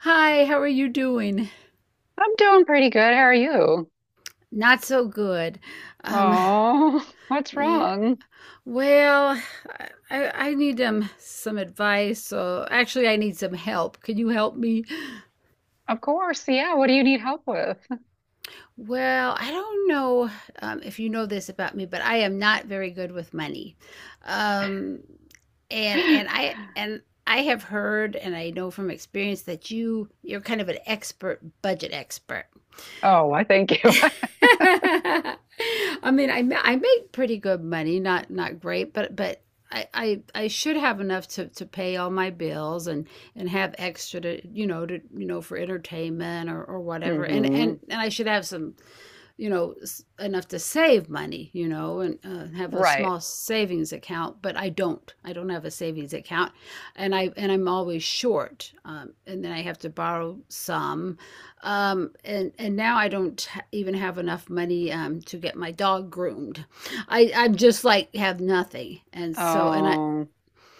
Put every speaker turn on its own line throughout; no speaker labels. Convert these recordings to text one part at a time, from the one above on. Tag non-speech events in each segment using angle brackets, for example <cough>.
Hi, how are you doing?
I'm doing pretty good. How are you?
Not so good. Um,
Oh, <laughs> what's
yeah.
wrong?
Well, I I need some advice. So actually, I need some help. Can you help me?
Of course. Yeah. What do you need help with?
Well, I don't know if you know this about me, but I am not very good with money. Um, and and
<laughs>
I and I have heard and I know from experience that you're kind of an expert budget expert.
Oh, I thank you.
<laughs> I mean, I make pretty good money, not great, but I should have enough to pay all my bills and have extra to you know for entertainment or
<laughs>
whatever, and
Hmm.
and and I should have some you know enough to save money and have a
Right.
small savings account, but I don't have a savings account. And I'm always short, and then I have to borrow some. And now I don't even have enough money, to get my dog groomed. I'm just like have nothing, and so, and I,
Oh,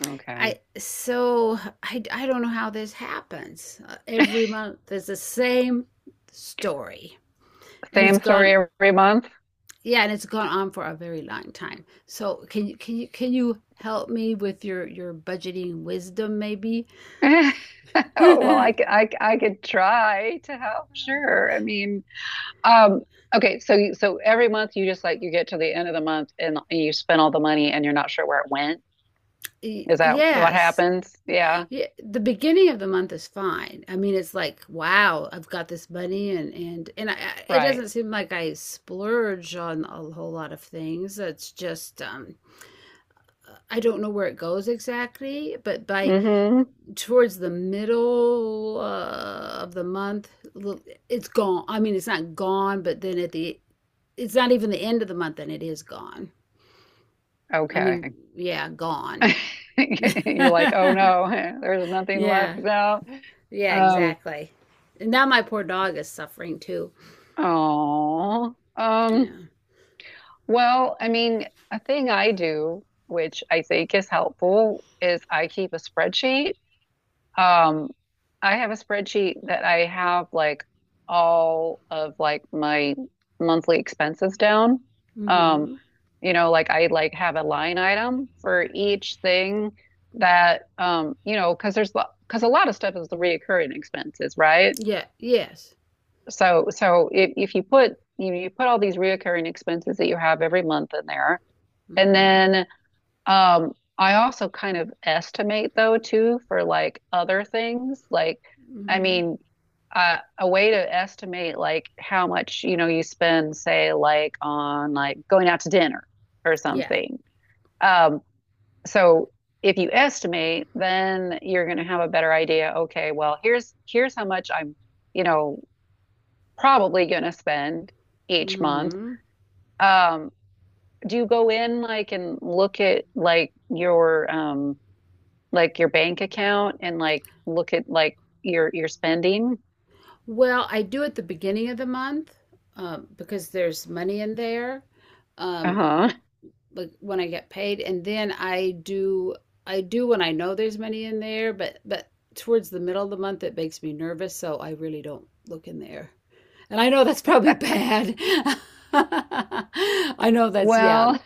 okay.
I don't know how this happens. Every month there's the same story and it's
Same
gone.
story every month.
Yeah, and it's gone on for a very long time. So can you help me with your budgeting wisdom maybe?
<laughs> Oh, well, I, c-
<laughs>
I, c- I could try to help. Sure. I mean, um, okay. So every month you just like, you get to the end of the month and you spend all the money and you're not sure where it went.
Y-
Is that what
Yes.
happens? Yeah.
Yeah, the beginning of the month is fine. I mean, it's like, wow, I've got this money, and it
Right.
doesn't seem like I splurge on a whole lot of things. It's just I don't know where it goes exactly, but by
Mm-hmm.
towards the middle of the month, it's gone. I mean, it's not gone, but then, it's not even the end of the month, and it is gone. I mean,
Okay.
yeah, gone.
<laughs> And you're like, oh
<laughs>
no, <laughs> there's nothing
Yeah,
left now.
yeah,
Um,
exactly. And now my poor dog is suffering too.
oh,
Yeah.
well, I mean, a thing I do, which I think is helpful, is I keep a spreadsheet. Um, I have a spreadsheet that I have like all of like my monthly expenses down. Um,
Mm-hmm.
you know, like I like have a line item for each thing that you know, because there's because a lot of stuff is the reoccurring expenses, right?
Yeah, yes.
So if you put, you put all these reoccurring expenses that you have every month in there, and
Mm-hmm.
then I also kind of estimate though too for like other things. Like, I
Mm-hmm.
mean, a way to estimate like how much, you spend, say, like on like going out to dinner or
Yeah.
something. Um, so if you estimate, then you're going to have a better idea. Okay, well, here's how much I'm, you know, probably going to spend each month.
Mm-hmm.
Um, do you go in like and look at like your bank account and like look at like your spending.
Well, I do at the beginning of the month, because there's money in there. Um,
Uh-huh.
like when I get paid, and then I do when I know there's money in there, but towards the middle of the month it makes me nervous, so I really don't look in there. And I know that's probably bad. <laughs> I know that's yeah,
Well,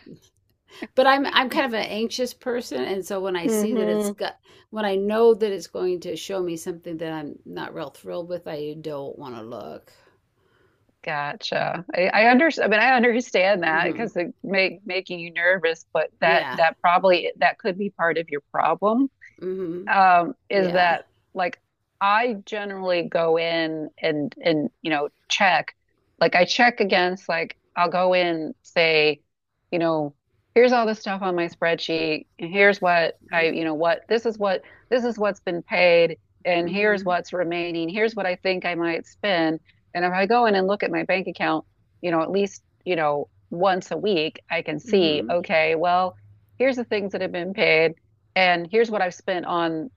but I'm kind of an anxious person, and so,
mm hmm
when I know that it's going to show me something that I'm not real thrilled with, I don't want to look.
Gotcha. I understand. I mean, I understand that
Hmm.
because it make making you nervous, but that
Yeah.
that probably that could be part of your problem.
Hmm.
Is
Yeah.
that like I generally go in and you know check, like I check against like I'll go in say, you know, here's all the stuff on my spreadsheet, and here's what I what this is what's been paid, and here's
Hmm.
what's remaining, here's what I think I might spend, and if I go in and look at my bank account, at least once a week, I can see
Hmm.
okay, well, here's the things that have been paid and here's what I've spent on,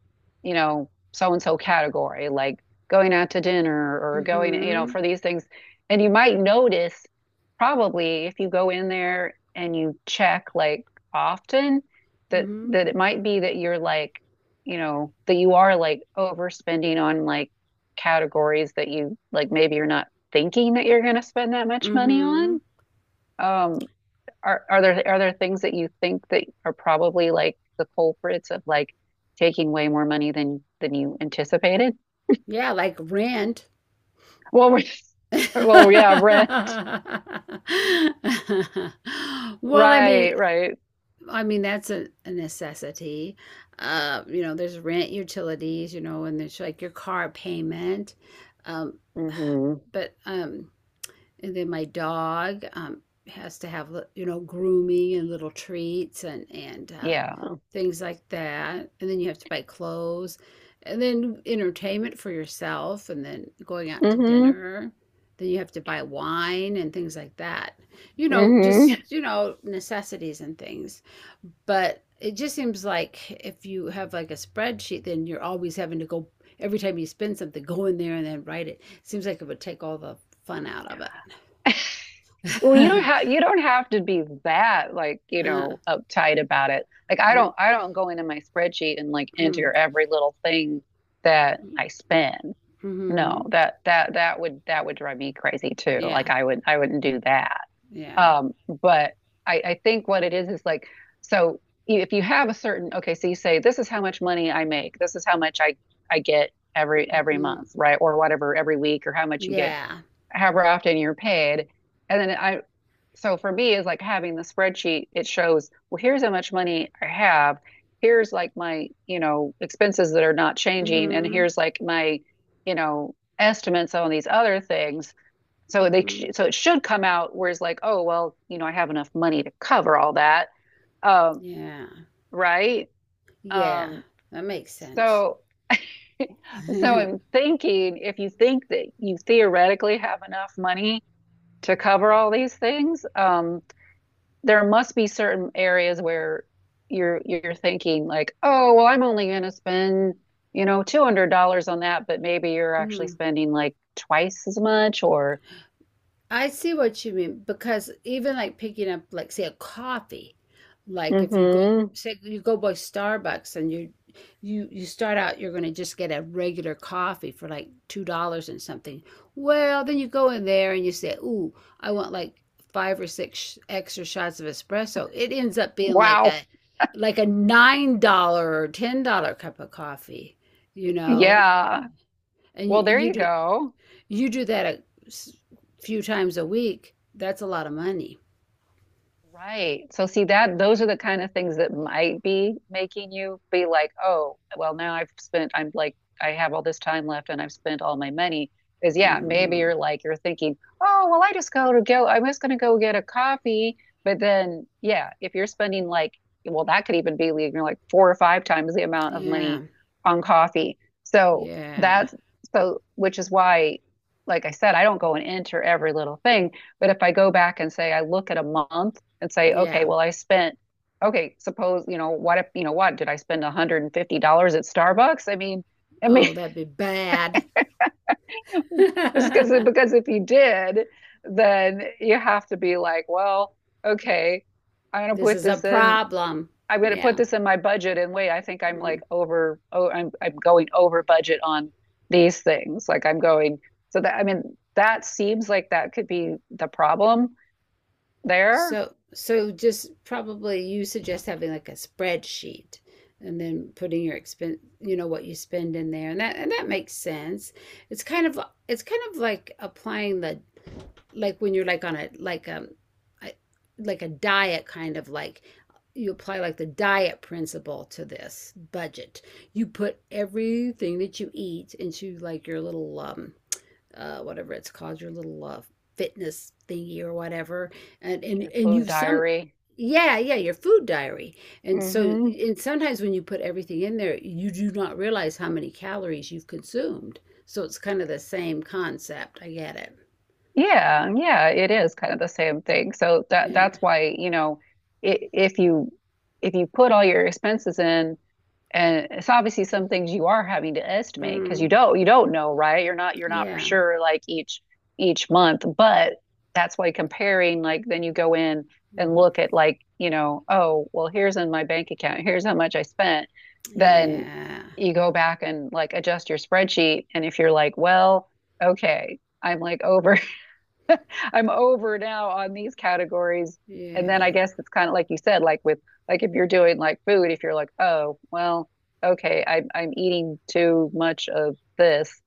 so and so category, like going out to dinner or going,
Hmm.
for these things. And you might notice probably if you go in there and you check like often that
Mhm.
that it might be that you're like, that you are like overspending on like categories that you like maybe you're not thinking that you're going to spend that much money
Mhm.
on. Um, are there things that you think that are probably like the culprits of like taking way more money than you anticipated?
Yeah, like rent.
Well, we- well, yeah, rent.
<laughs> Well, I mean,
Right, right.
I mean that's a necessity. You know, there's rent, utilities, you know, and there's like your car payment. Um,
Hmm.
but, and then my dog, has to have, you know, grooming and little treats and
Yeah.
things like that. And then you have to buy clothes, and then entertainment for yourself, and then going out to
Hmm.
dinner. Then you have to buy wine and things like that. You
mm
know,
hmm
just, you know, necessities and things. But it just seems like if you have like a spreadsheet, then you're always having to go every time you spend something, go in there and then write it. It seems like it would take all the fun out of it.
<laughs>
<laughs>
Well, you
uh,
don't have you don't have to be that like,
mm,
uptight about it. Like I don't go into my spreadsheet and like
mm,
enter every little thing that I spend. No,
mhm.
that would drive me crazy too.
Yeah,
Like I wouldn't do that.
yeah.
Um, but I think what it is like, so if you have a certain, okay, so you say, this is how much money I make, this is how much I get every
Hmm.
month, right? Or whatever, every week, or how much you get,
Yeah.
however often you're paid. And then so for me, is like having the spreadsheet, it shows, well, here's how much money I have. Here's like my, expenses that are not changing, and
Hmm.
here's like my, estimates on these other things so they
Hmm.
so it should come out where it's like, oh well, I have enough money to cover all that, um,
Yeah.
right?
Yeah.
Um,
That makes sense.
so <laughs>
<laughs>
so
Hmm.
I'm thinking if you think that you theoretically have enough money to cover all these things, there must be certain areas where you're thinking like, oh well, I'm only going to spend $200 on that, but maybe you're actually spending like twice as much or
I see what you mean because even like picking up like say a coffee, like if you go,
mm-hmm,
say you go by Starbucks and you start out you're going to just get a regular coffee for like $2 and something. Well, then you go in there and you say, "Ooh, I want like five or six extra shots of espresso." It ends up being like a
wow.
like a $9 or $10 cup of coffee, you know.
Yeah.
And you,
Well, there
you
you
do
go.
you do that a few times a week, that's a lot of money.
Right. So see that those are the kind of things that might be making you be like, oh, well, now I've spent, I'm like, I have all this time left and I've spent all my money. Is yeah, maybe
Hmm.
you're like, you're thinking, oh, well, I'm just gonna go get a coffee. But then, yeah, if you're spending like, well, that could even be like, you're like four or five times the amount of
Yeah,
money on coffee. So
yeah,
that's so, which is why, like I said, I don't go and enter every little thing. But if I go back and say I look at a month and say, okay,
yeah.
well, I spent, okay, suppose, what if, what did I spend $150 at Starbucks? I mean, <laughs> I mean,
Oh, that'd be bad. <laughs>
it's because
This
because if you did, then you have to be like, well, okay, I'm gonna put
is a
this in.
problem.
I'm gonna put
Yeah.
this in my budget, and wait, I think I'm
Hmm.
like over. Oh, I'm going over budget on these things. Like I'm going. So that I mean, that seems like that could be the problem there.
So, just probably you suggest having like a spreadsheet and then putting your expense, what you spend in there. And that makes sense. It's kind of, it's kind of like applying the, like when you're like on a, like, I- like a diet kind of, like you apply like the diet principle to this budget. You put everything that you eat into like your little, whatever it's called, your little fitness thingy or whatever. And
Like
and
your
and
food
you've some,
diary.
yeah, yeah, your food diary. And
Mm
so,
hmm
and sometimes when you put everything in there, you do not realize how many calories you've consumed. So it's kind of the same concept. I get it.
Yeah, yeah, it is kind of the same thing. So that
Yeah.
that's why, i- if you if you put all your expenses in, and it's obviously some things you are having to estimate because you
Hmm.
don't you don't know, right? You're not for
Yeah.
sure like each month, but that's why comparing like then you go in and
Mhm.
look at like, oh, well, here's in my bank account, here's how much I spent. Then
Yeah.
you go back and like adjust your spreadsheet, and if you're like, well, okay. I'm over now on these categories. And then
Yeah.
I guess it's kind of like you said, like with like if you're doing like food, if you're like, oh, well, okay, I'm eating too much of this,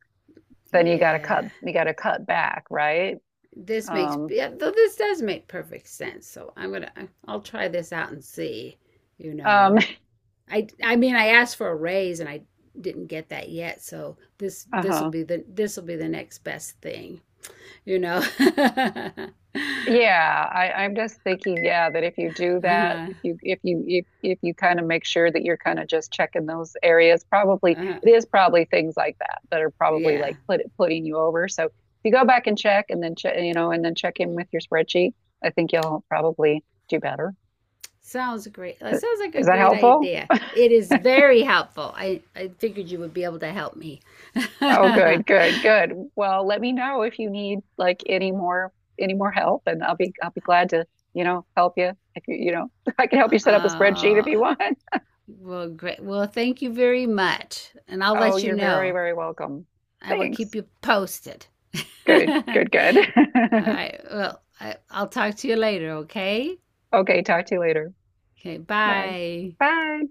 then you gotta cut
Yeah.
you gotta cut back, right?
This makes
Um,
Yeah, though this does make perfect sense. So, I'll try this out and see, you
um,
know. I mean I asked for a raise and I didn't get that yet, so this
<laughs>
this will
uh-huh.
be the, this will be the next best thing, you know. <laughs>
Yeah, I'm just thinking, yeah, that if you do that,
Uh-huh.
if you kind of make sure that you're kind of just checking those areas, probably
Uh-huh.
it is probably things like that that are probably
Yeah.
like putting you over. So if you go back and check, and then check, and then check in with your spreadsheet, I think you'll probably do better.
Sounds great. That sounds like a
Is that
great
helpful?
idea. It is very helpful. I figured you would be able to help me. <laughs>
Oh, good, good, good. Well, let me know if you need like any more help, and I'll be glad to, help you if you you know <laughs> I can help you set up a spreadsheet if
Uh,
you want.
well, great. Well, thank you very much. And I'll
Oh,
let you
you're very,
know.
very welcome.
I will keep
Thanks.
you posted. <laughs> All
Good, good, good. <laughs>
right. Well, I'll talk to you later, okay?
Okay, talk to you later.
Okay,
Bye.
bye.
Bye.